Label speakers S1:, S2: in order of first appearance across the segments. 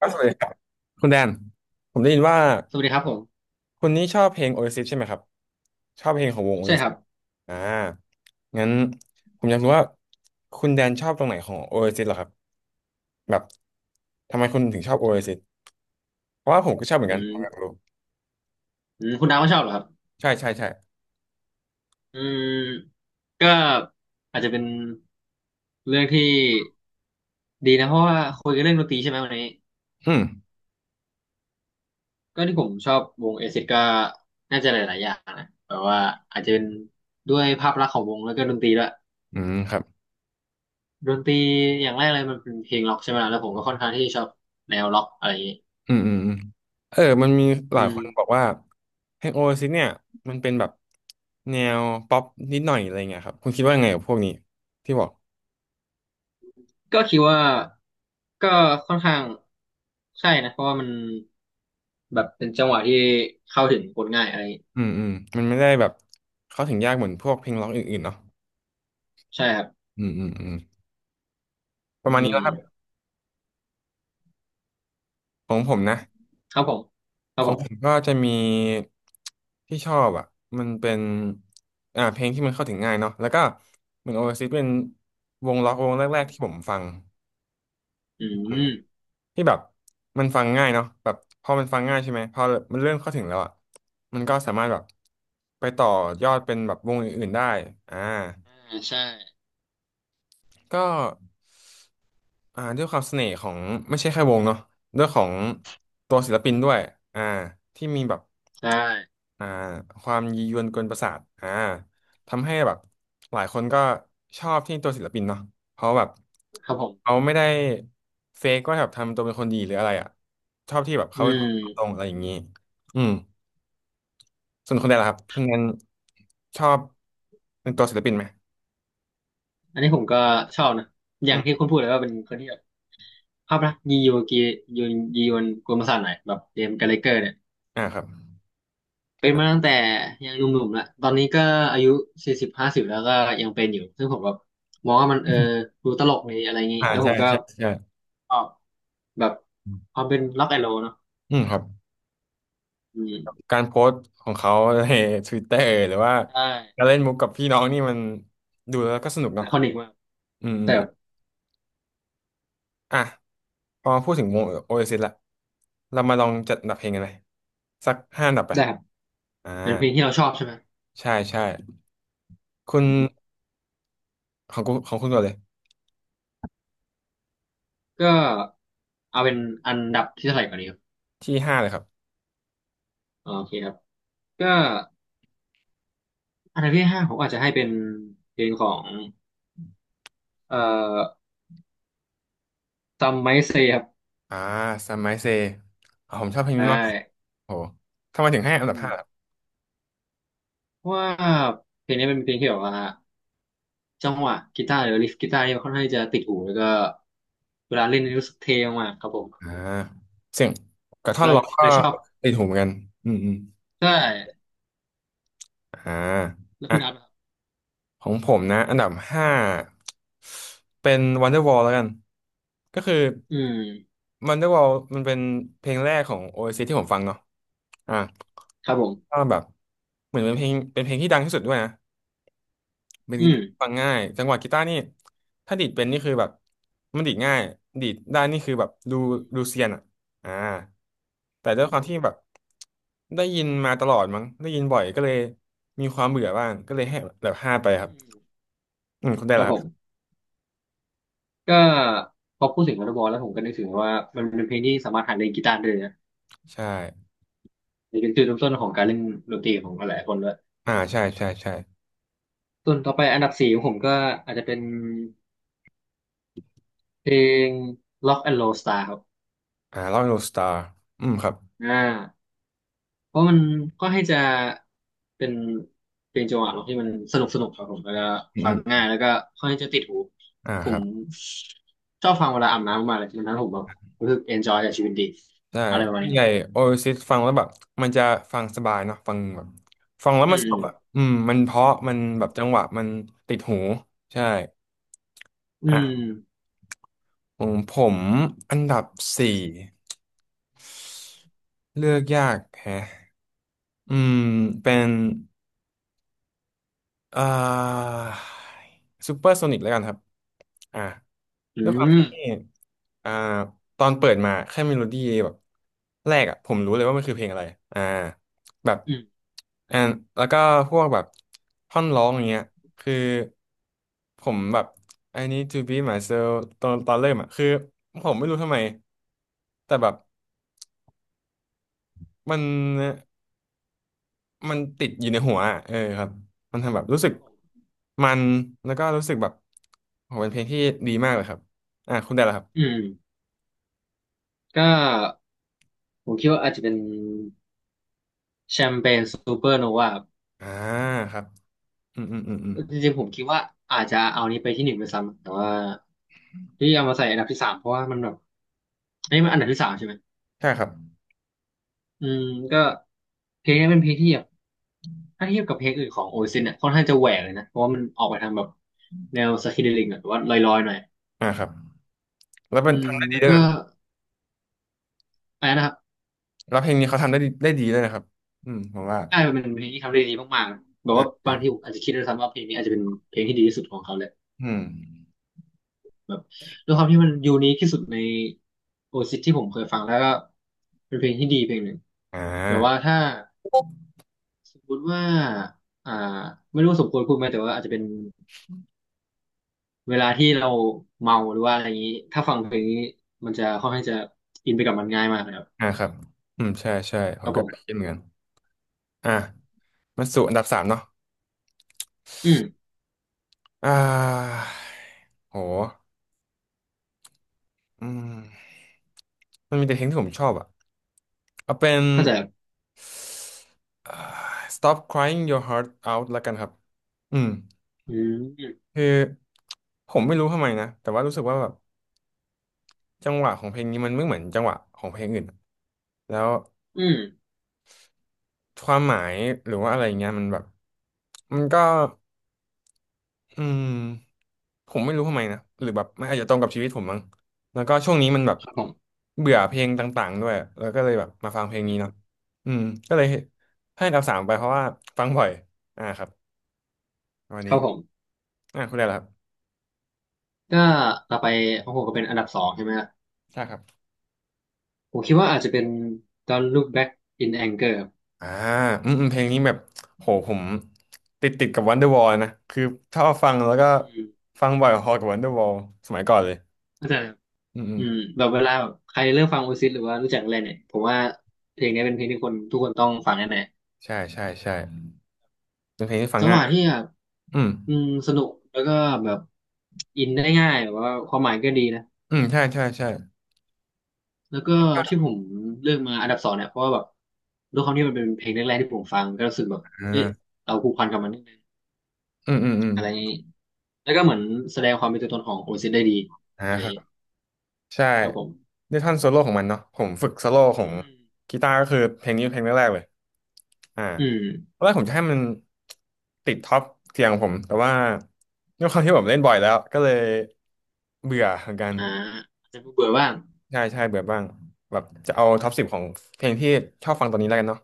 S1: ก็สวัสดีครับคุณแดนผมได้ยินว่า
S2: สวัสดีครับผม
S1: คุณนี่ชอบเพลง Oasis ใช่ไหมครับชอบเพลงของวง
S2: ใช่
S1: Oasis
S2: ค
S1: อ
S2: รับ
S1: เอสงั้นผมอยากรู้ว่าคุณแดนชอบตรงไหนของ Oasis เอสไอเหรอครับแบบทำไมคุณถึงชอบ Oasis เอสไอเพราะว่าผมก็ชอบเหมื
S2: อื
S1: อนกันผม
S2: ม
S1: อยากรู้
S2: อืมคุณดาวก็ชอบเหรอครับ
S1: ใช่ใช่ใช่
S2: อืมก็อาจจะเป็นเรื่องที่ดีนะเพราะว่าคุยกันเรื่องดนตรีใช่ไหมวันนี้
S1: อืม
S2: ก็ที่ผมชอบวงเอซิดก็น่าจะหลายๆอย่างนะแบบว่าอาจจะเป็นด้วยภาพลักษณ์ของวงแล้วก็ดนตรีด้วย
S1: อืมครับ
S2: ดนตรีอย่างแรกเลยมันเป็นเพลงร็อกใช่ไหมล่ะแล้วผมก็ค่อนข้างที่ชอบแนวร็อกอะไรอย่างนี้
S1: อืมอืมอืมเออมันมีห
S2: อื
S1: ลายค
S2: ม
S1: นบอกว่าเพลง Oasis เอสไอเนี่ยมันเป็นแบบแนวป๊อปนิดหน่อยอะไรเงี้ยครับคุณคิดว่าไงกับพวกนี้ที่บอก
S2: ก็คิดว่าก็ค่อนข้างใช่นะเพราะว่ามัน แบบเป็นจังหวะที่เข้าถึงคนง่ายอะไรอย่างงี้
S1: อืมอืมมันไม่ได้แบบเข้าถึงยากเหมือนพวกเพลงร็อกอื่นๆเนาะ
S2: ใช่ครับ
S1: อืมอืมอืมป
S2: อื
S1: ระมาณนี้แล้วครับ
S2: ม
S1: ของผมนะ
S2: ครับผมครั
S1: ข
S2: บ
S1: อ
S2: ผ
S1: งผม
S2: ม
S1: ก็จะมีที่ชอบอ่ะมันเป็นเพลงที่มันเข้าถึงง่ายเนาะแล้วก็เหมือนโอเอซิสเป็นวงร็อกวงแรกๆที่ผมฟัง
S2: อื
S1: อืม
S2: ม
S1: ที่แบบมันฟังง่ายเนาะแบบพอมันฟังง่ายใช่ไหมพอมันเริ่มเข้าถึงแล้วอ่ะมันก็สามารถแบบไปต่อยอดเป็นแบบวงอื่นๆได้อ่า
S2: อ่าใช่
S1: ก็ด้วยความเสน่ห์ของไม่ใช่แค่วงเนาะด้วยของตัวศิลปินด้วยอ่าที่มีแบบ
S2: ใช่
S1: อ่าความยียวนกวนประสาทอ่าทำให้แบบหลายคนก็ชอบที่ตัวศิลปินเนาะเพราะแบบ
S2: ครับผ
S1: เขา
S2: ม
S1: ไม่ได้เฟกว่าแบบทำตัวเป็นคนดีหรืออะไรอ่ะชอบที่แบบ
S2: อื
S1: เขาเป็นคนตรงๆ
S2: ม
S1: อะไรอย่างนี้อืมส่วนคนแดนล่ะครับคุณแดนชอบเป็นตัวศิลปินไหม
S2: อันนี้ผมก็ชอบนะอ
S1: อื
S2: ย่างที่
S1: ม
S2: คุณพูดเลยว่าเป็นคนที่แบบภาพลักษณ์ยีโยกียนยียวนกุลประสาทหน่อยแบบเจมส์กัเลเกอร์เนี่ย
S1: ครับ
S2: เป็นมาตั้งแต่ยังหนุ่มๆแลวตอนนี้ก็อายุ40-50แล้วก็ยังเป็นอยู่ซึ่งผมแบบมองว่ามันดูตลกดีอะไรอย่าง นี้
S1: อ่า
S2: แล้วผ
S1: ใช่
S2: มก็
S1: ใช่ใช่
S2: ชอบแบบความเป็นล็อกแอนด์โรลเนาะ
S1: อืมครับ
S2: อืม
S1: การโพสต์ของเขาใน Twitter หรือว่า
S2: ใช่
S1: การเล่นมุกกับพี่น้องนี่มันดูแล้วก็สนุก
S2: ไอ
S1: เนาะ
S2: คอนิกมาก
S1: อืมอ
S2: แต่
S1: มอ่ะพอพูดถึงวงโอเอซิสละเรามาลองจัดอันดับเพลงกันเลยสักห้าอันดับไป
S2: ได้ครับ
S1: อ่า
S2: เป็นเพลงที่เราชอบใช่ไหม
S1: ใช่ใช่คุณของคุณก่อนเลย
S2: ก็เอาเป็นอันดับที่เท่าไหร่ก่อนดีครับ
S1: ที่ห้าเลยครับ
S2: อ๋อโอเคครับก็อันดับที่ห้าผมอาจจะให้เป็นเพลงของเอ่อ Some Might Say ครับ
S1: อ่าซัมไมเซอ่ะผมชอบเพลงนี้
S2: ใช่
S1: มากโอ้โหทำไมถึงให้อัน
S2: อื
S1: ดับห้าล่ะ
S2: มเพราะว่าเพลงนี้เป็นเพลงที่แบบว่าจังหวะกีตาร์หรือลิฟกีตาร์นี่ค่อนข้างจะติดหูแล้วก็เวลาเล่นนี่รู้สึกเท่มากครับผม
S1: อ่าเสียง
S2: ผ
S1: กับ
S2: ม
S1: ท่อ
S2: ก็
S1: นร้องก็
S2: เลยชอบ
S1: ติดหูเหมือนกันอืมอืม
S2: ใช่
S1: อ่
S2: แล้วคุณอาร์ต
S1: า
S2: ล่ะครับ
S1: ของผมนะอันดับห้าเป็น Wonderwall แล้วกันก็คือ
S2: อืม
S1: Wonderwall มันเป็นเพลงแรกของ o a s c ที่ผมฟังเนาะอ่ะ
S2: ครับผ
S1: ก็
S2: ม
S1: แบบเหมือนเป็นเพลงที่ดังที่สุดด้วยนะเป็น
S2: อืม
S1: ฟังง่ายจังหวะกีตาร์นี่ถ้าดีดเป็นนี่คือแบบมันดีดง่ายดีดได้นี่คือแบบดูเซียนอ่ะอ่า
S2: ค
S1: แต่
S2: รับ
S1: ด้
S2: ผ
S1: วยค
S2: ม
S1: วามที่แบบได้ยินมาตลอดมั้งได้ยินบ่อยก็เลยมีความเบื่อบ้างก็เลยให้แบบห้าไปครับ
S2: อืม
S1: อืมคุณได้
S2: ครับ
S1: ละ
S2: ผม ก็พอพูดถึงวอลเลย์บอลแล้วผมก็นึกถึงว่ามันเป็นเพลงที่สามารถหัดเล่นกีตาร์ได้เลยนะ
S1: ใช่
S2: นี่เป็นจุดเริ่มต้นของการเล่นดนตรีของหลายๆคนด้วย
S1: อ่าใช่ ใช่ ใช่
S2: ส่วนต่อไปอันดับสี่ของผมก็อาจจะเป็นเพลง Rock and Roll Star ครับ
S1: อ่าลองดูสตาร์อืมครับ
S2: อ่าเพราะมันก็ให้จะเป็นเพลงจังหวะร็อกที่มันสนุกสนุกครับผมแล้วก็
S1: อื
S2: ฟัง
S1: มอม
S2: ง่ายแล้วก็ค่อนข้างจะติดหูผ
S1: ครั
S2: ม
S1: บ
S2: ชอบฟังเวลาอาบน้ำมากเลยมันทำให้ผมแบบรู้สึก enjoy กับชีวิตดี
S1: ใช่่
S2: อะไรประมาณนี้
S1: ให
S2: ครั
S1: ญ่
S2: บ
S1: โอซิสฟังแล้วแบบ มันจะฟังสบายเนาะฟังแบบ ฟังแล้ว
S2: อื
S1: มันสนุกอ่ะ
S2: ม
S1: อืม มันเพราะ มัน
S2: ผ
S1: แบบจังห
S2: ม
S1: วะ มันติดหู ใช่
S2: อื
S1: อ่ะ
S2: ม
S1: ผมอันดับสี่เลือกยากแฮะอืม เป็น อ่าซูเปอร์โซนิกแล้วกันครับอ่า
S2: อื
S1: ด้วยความ
S2: ม
S1: ที่อ่าตอนเปิดมาแค่เมโลดี้แบบแรกอ่ะผมรู้เลยว่ามันคือเพลงอะไรอ่าแบบ
S2: อืม
S1: อ่าแล้วก็พวกแบบท่อนร้องอย่างเงี้ยคือผมแบบ I need to be myself ตอนเริ่มอ่ะคือผมไม่รู้ทำไมแต่แบบมัน มันติดอยู่ในหัวอะเออครับมันทำแบบรู้สึ
S2: ค
S1: ก
S2: รับผม
S1: มันแล้วก็รู้สึกแบบโหเป็นเพลงที่ดีมากเลยครับคุณได้แล้วครับ
S2: อืมก็ผมคิดว่าอาจจะเป็นแชมเปญซูเปอร์โนวา
S1: อ่าครับอืมอืมอืมอืม
S2: จริงๆผมคิดว่าอาจจะเอานี้ไปที่หนึ่งไปซ้ำแต่ว่าที่เอามาใส่อันดับที่สามเพราะว่ามันแบบอันนี้มันอันดับที่สามใช่ไหม
S1: ใช่ครับ
S2: อืมก็เพลงนี้เป็นเพลงที่แบบถ้าเทียบกับเพลงอื่นของโอซินเนี่ยค่อนข้างจะแหวกเลยนะเพราะว่ามันออกไปทางแบบแนวสคิเดลิงหรือว่าลอยๆหน่อย
S1: อ่าครับแล้ว
S2: อื
S1: เป็น
S2: ม
S1: ทำได้ดี
S2: แล้ว
S1: ด้วย
S2: ก็
S1: นะ
S2: อะไรนะครับ
S1: แล้วเพลงนี้เขาทำได้ดีด้วยนะครับอืมผมว่า
S2: ใช่มันเป็นเพลงที่ทำได้ดีมากๆแบบ
S1: อ่ะ
S2: ว่าบางทีผมอาจจะคิดด้วยซ้ำว่าเพลงนี้อาจจะเป็นเพลงที่ดีที่สุดของเขาเลย
S1: อืม
S2: แบบด้วยความที่มันยูนิคที่สุดในโอซิสที่ผมเคยฟังแล้วก็เป็นเพลงที่ดีเพลงหนึ่ง
S1: อ่
S2: แบบว่า
S1: า
S2: ถ้าสมมติว่าอ่าไม่รู้สมควรพูดไหมแต่ว่าอาจจะเป็นเวลาที่เราเมาหรือว่าอะไรอย่างนี้ถ้าฟังเพลงนี้มันจะค่อนข้างจะอินไปกับมันง่ายมากนะครับ
S1: อ่าครับอืมใช่ใช่ผ
S2: ค
S1: ม
S2: รับ
S1: ก็
S2: ผ
S1: คิด
S2: ม
S1: เหมือนกันอ่ะมาสู่อันดับสามเนาะ
S2: อืม
S1: อ่าโห อืมมันมีแต่เพลงที่ผมชอบอ่ะเอาเป็น
S2: เข้าใจครับ
S1: เอ่อ Stop Crying Your Heart Out ละกันครับอืม
S2: อืม
S1: คือผมไม่รู้ทำไมนะ แต่ว่ารู้สึกว่าแบบจังหวะของเพลงนี้มันไม่เหมือนจังหวะของเพลงอื่นอะแล้ว
S2: อืม
S1: ความหมายหรือว่าอะไรเงี้ยมันแบบมันก็อืม ผมไม่รู้ทำไมนะหรือแบบมันอาจจะตรงกับชีวิตผมมั้งแล้วก็ช่วงนี้มันแบบ
S2: ครับผม
S1: เบื่อเพลงต่างๆด้วยแล้วก็เลยแบบมาฟังเพลง
S2: อื
S1: นี้
S2: ม
S1: เนาะอืมก็เลยให้อันดับสามไปเพราะว่าฟังบ่อยอ่าครับวัน
S2: ค
S1: นี้
S2: รับผม
S1: คุณได้แล้วครับ
S2: ก็ต่อไปของผมก็เป็นอันดับสองใช่ไหมฮะ
S1: ใช่ครับ
S2: ผมคิดว่าอาจจะเป็น Don't Look Back in Anger ครับ
S1: อ่าอืมอืมเพลงนี้แบบโหผมติดกับ Wonderwall นะคือชอบฟังแล้วก็
S2: อืม
S1: ฟังบ่อยพอกับ Wonderwall สมัยก่อนเลย
S2: เข้าใจ
S1: อืมอื
S2: อื
S1: ม
S2: มแบบเวลาแบบใครเริ่มฟังโอซิสหรือว่ารู้จักอะไรเนี่ยผมว่าเพลงนี้เป็นเพลงที่คนทุกคนต้องฟังแน่
S1: ใช่ใช่ใช่เป็นเพลงที่ฟั
S2: ๆ
S1: ง
S2: จังห
S1: ง่าย
S2: วะที่แบบ
S1: อืม
S2: อืมสนุกแล้วก็แบบอินได้ง่ายแบบว่าความหมายก็ดีนะ
S1: อืมใช่ใช่ใช่
S2: แล้วก็ที่ผมเลือกมาอันดับสองเนี่ยเพราะว่าแบบด้วยความที่มันเป็นเพลงแรกๆที่ผมฟังก็รู้สึกแบบเอ๊ะ
S1: อ่า
S2: เราผูกพันกับมันนิดนึง
S1: อืมอืมอืม
S2: อะไรอย่างงี้แล้วก็เหมือนแสดงความเป็นตัวตนของโอซิสได้ดี
S1: อ่า
S2: อะไรอ
S1: ค
S2: ย่า
S1: รั
S2: งงี้
S1: บ ใช่
S2: ครับผม
S1: ด้วยท่อนโซโล่ของมันเนาะผมฝึกโซโล่ของ
S2: อืม
S1: กีตาร์ก็คือเพลงนี้เพลงแรกๆเลยอ่า
S2: อืม
S1: ตอนแรกผมจะให้มันติดท็อปเทียงของผมแต่ว่าด้วยความที่ผมเล่นบ่อยแล้วก็เลยเบื่อเหมือนกัน
S2: อ่าอาจจะเบื่อบ้าง
S1: ใช่ใช่เบื่อบ้างแบบจะเอาท็อปสิบของเพลงที่ชอบฟังตอนนี้แล้วกันเนาะ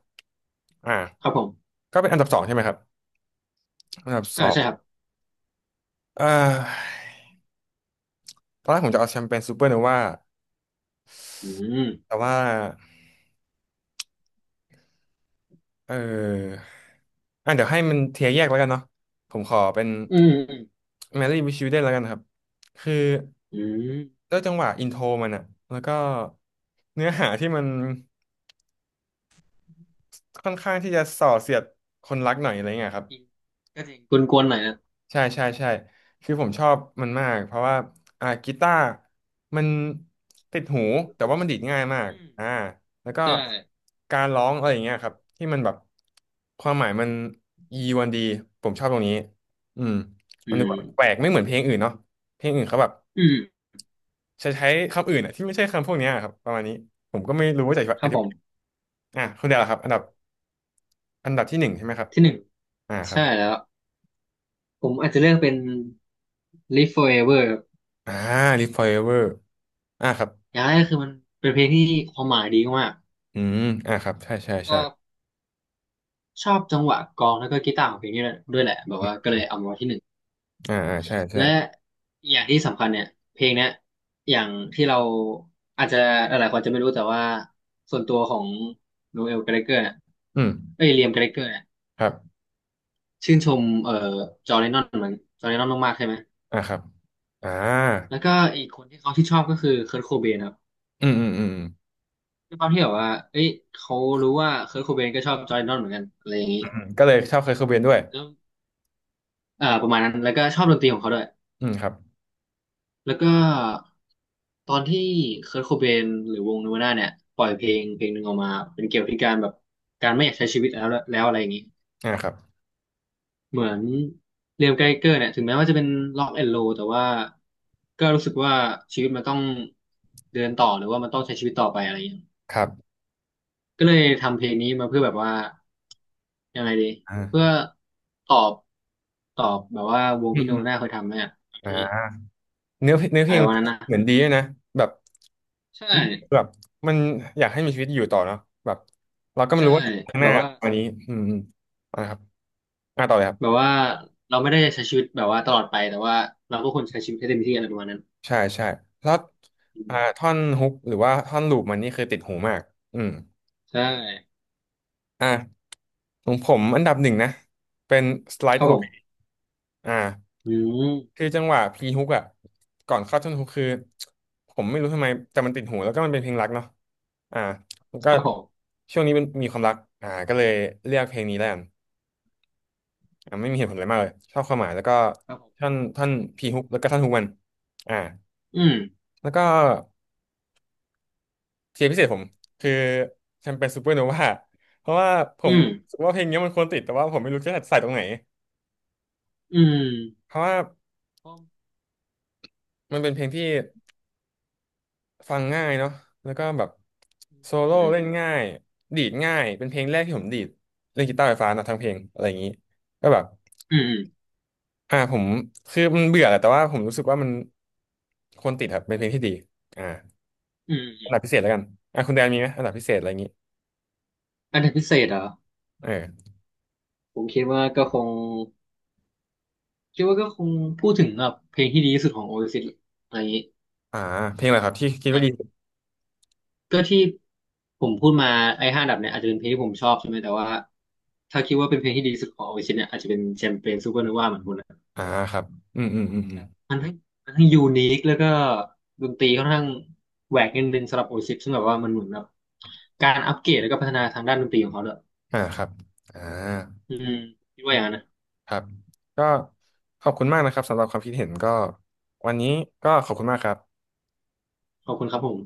S1: อ่า
S2: ครับผม
S1: ก็เป็นอันดับสองใช่ไหมครับอันดับส
S2: อ่า
S1: อง
S2: ใช่ครับ
S1: เอ่อตอนแรกผมจะเอาแชมเปญซูเปอร์โนวา
S2: อืม
S1: แต่ว่า เออเดี๋ยวให้มันเทียร์แยกแล้วกันเนาะผมขอเป็น
S2: อืม
S1: Marry with Children แล้วกันนะครับ คือ
S2: อืม
S1: ด้วยจังหวะอินโทรมันอะ แล้วก็เนื้อหาที่มันค่อนข้างที่จะส่อเสียดคนรักหน่อยอะไรเงี้ยครับ
S2: อืมก็จริงกวนๆหน่อยนะ
S1: ใช่ใช่ใช่คือผมชอบมันมากเพราะว่ากีตาร์มันติดหูแต่ว่ามันดีดง่ายมาก
S2: อืม
S1: อ่าแล้วก็
S2: ใช่
S1: การร้องอะไรอย่างเงี้ยครับที่มันแบบความหมายมันยีวันดีผมชอบตรงนี้อืม
S2: อื
S1: มันดูแบบแป
S2: ม
S1: ลกไม่เหมือนเพลงอื่นเนาะเพลงอื่นเขาแบบ
S2: อืม
S1: ใช้ใช้คำอื่นอะที่ไม่ใช่คำพวกเนี้ยครับประมาณนี้ผมก็ไม่รู้ว่าจะ
S2: ค
S1: อ
S2: รับ
S1: ธิ
S2: ผ
S1: บาย
S2: ม
S1: คุณเดาครับอันดับอันดับที่หนึ่งใช่ไหมครับ
S2: ที่หนึ่ง
S1: อ่าครั
S2: ใช่
S1: บ
S2: แล้วผมอาจจะเลือกเป็น Live Forever ครับ
S1: อ่า Live Forever อ่าครับ
S2: อย่างแรกคือมันเป็นเพลงที่ความหมายดีมาก
S1: อืมอ่าครับใช่ใช่ใช่
S2: ก็ชอบจังหวะกลองแล้วก็กีตาร์ของเพลงนี้ด้วยแหละแบบ
S1: อื
S2: ว่าก็
S1: ม
S2: เลยเอามาไว้ที่หนึ่ง
S1: อ่าอ่าใช่ใช่
S2: และอย่างที่สำคัญเนี่ยเพลงเนี้ยอย่างที่เราอาจจะหลายๆคนจะไม่รู้แต่ว่าส่วนตัวของโนเอลแกรเลเกอร์เนี่ย
S1: อืม
S2: เอ้ยเลียมแกรเลเกอร์เนี่ย
S1: ครับ
S2: ชื่นชมจอร์แดนนอนเหมือนจอร์แดนนอนมากๆใช่ไหม
S1: อ่าครับอ่า
S2: แล้วก็อีกคนที่เขาที่ชอบก็คือเคิร์ทโคเบนครับ
S1: อืมอืมอืม
S2: ด้วยความที่แบบว่าเอ้ยเขารู้ว่าเคิร์โคเบนก็ชอบจอร์แดนนอนเหมือนกันอะไรอย่างนี้
S1: อืมอืมก็เลยชอบเคเคิเบนด้วย
S2: แล้วประมาณนั้นแล้วก็ชอบดนตรีของเขาด้วย
S1: อืมครับ
S2: แล้วก็ตอนที่เคิร์ทโคเบนหรือวงเนวาน่าเนี่ยปล่อยเพลงเพลงหนึ่งออกมาเป็นเกี่ยวกับการแบบการไม่อยากใช้ชีวิตแล้วแล้วอะไรอย่างนี้
S1: อ่าครับ
S2: เหมือนเรียมไกเกอร์เนี่ยถึงแม้ว่าจะเป็นล็อกแอนด์โลแต่ว่าก็รู้สึกว่าชีวิตมันต้องเดินต่อหรือว่ามันต้องใช้ชีวิตต่อไปอะไรอย่างเงี้ย
S1: ครับ
S2: ก็เลยทำเพลงนี้มาเพื่อแบบว่ายังไงดีเพื่อ
S1: อ่า
S2: ตอบตอบแบบว่าวง
S1: อืม
S2: ที่โน
S1: อืม
S2: น่าเคยทำเนี่ยอะไร
S1: อ่าเนื้อเพลงเนื้อเพ
S2: อะ
S1: ล
S2: ไร
S1: งเ
S2: วันนั้นนะ
S1: หมือนดีด้วยนะแบบ
S2: ใช่
S1: แบบ มันอยากให้มีชีวิตอยู่ต่อเนาะแบบเราก็ไม่
S2: ใช่
S1: รู้ว่าข้างห
S2: แบ
S1: น้า
S2: บว่า
S1: ตอนนี้อืมอืมอ่าครับอ่าต่อเลยครั
S2: แบบ
S1: บ
S2: ว่าเราไม่ได้ใช้ชีวิตแบบว่าตลอดไปแต่ว่าเราก็ควรใช้ชีวิตให้เต็มที่อะไรประมาณนั้น
S1: ใช่ใช่แล้ว
S2: อืม
S1: ท่อนฮุกหรือว่าท่อนลูปมันนี่คือติดหูมากอืม
S2: ใช่
S1: อ่ะของผมอันดับหนึ่งนะเป็น
S2: ค
S1: slide
S2: รับผ
S1: away
S2: ม
S1: อ่า
S2: อื
S1: คื
S2: ม
S1: อจังหวะพีฮุกอ่ะก่อนเข้าท่อนฮุกคือผมไม่รู้ทำไมแต่มันติดหูแล้วก็มันเป็นเพลงรักเนาะอ่าผมก็
S2: ครับผม
S1: ช่วงนี้เป็นมีความรักก็เลยเลือกเพลงนี้แล้วกันไม่มีเหตุผลอะไรมากเลยชอบความหมายแล้วก็
S2: ครับผม
S1: ท่อนท่อนพีฮุกแล้วก็ท่อนฮุกมันอ่า
S2: อืม
S1: แล้วก็เทียร์พิเศษผมคือแชมเปญซูเปอร์โนวาเพราะว่าผ
S2: อื
S1: ม
S2: ม
S1: รู้สึกว่าเพลงนี้มันควรติดแต่ว่าผมไม่รู้จะใส่ตรงไหน
S2: อืม
S1: เพราะว่ามันเป็นเพลงที่ฟังง่ายเนาะแล้วก็แบบโซโล่
S2: อื
S1: เล่น
S2: ม
S1: ง่ายดีดง่ายเป็นเพลงแรกที่ผมดีดเล่นกีตาร์ไฟฟ้านะทั้งเพลงอะไรอย่างนี้ก็แบบ
S2: อืม อืม
S1: ผมคือมันเบื่อแหละแต่ว่าผมรู้สึกว่ามันควรติดครับเป็นเพลงที่ดีอ่าอัน
S2: อ
S1: ดับพิเศษแล้วกันคุณแดนมีไหมอันดับพิเศษอะไรอย่างนี้
S2: ันดับพิเศษเหรอ
S1: เออ
S2: ผมคิดว่าก็คงคิดว่าก็คงพูดถึงแบบเพลงที่ดีที่สุดของโอเอซิสอะไรอย่างนี้
S1: อ่าเพลงอะไรครับที่คิดว่า
S2: แบบ
S1: ดีสุด
S2: ก็ที่ผมพูดมาไอ้ห้าอันดับเนี่ยอาจจะเป็นเพลงที่ผมชอบใช่ไหมแต่ว่าถ้าคิดว่าเป็นเพลงที่ดีที่สุดของโอเอซิสเนี่ยอาจจะเป็นแชมเปญซูเปอร์โนวาเหมือนคุณนะ
S1: อ่าครับอืมอืมอืมอื
S2: แบ
S1: ม
S2: บมันทั้งมันทั้งยูนิคแล้วก็ดนตรีค่อนข้างแหวกนิดนึงสำหรับโอเอซิสซึ่งแบบว่ามันเหมือนแบบการอัปเกรดแล้วก็พัฒนาทางด้านดนตรีของเขาเลย
S1: อ่าครับอ่า
S2: อืคมคิด
S1: อื
S2: ว่าอ
S1: ม
S2: ย่างนั้นนะ
S1: ครับก็ขอบคุณมากนะครับสำหรับความคิดเห็นก็วันนี้ก็ขอบคุณมากครับ
S2: ขอบคุณครับผม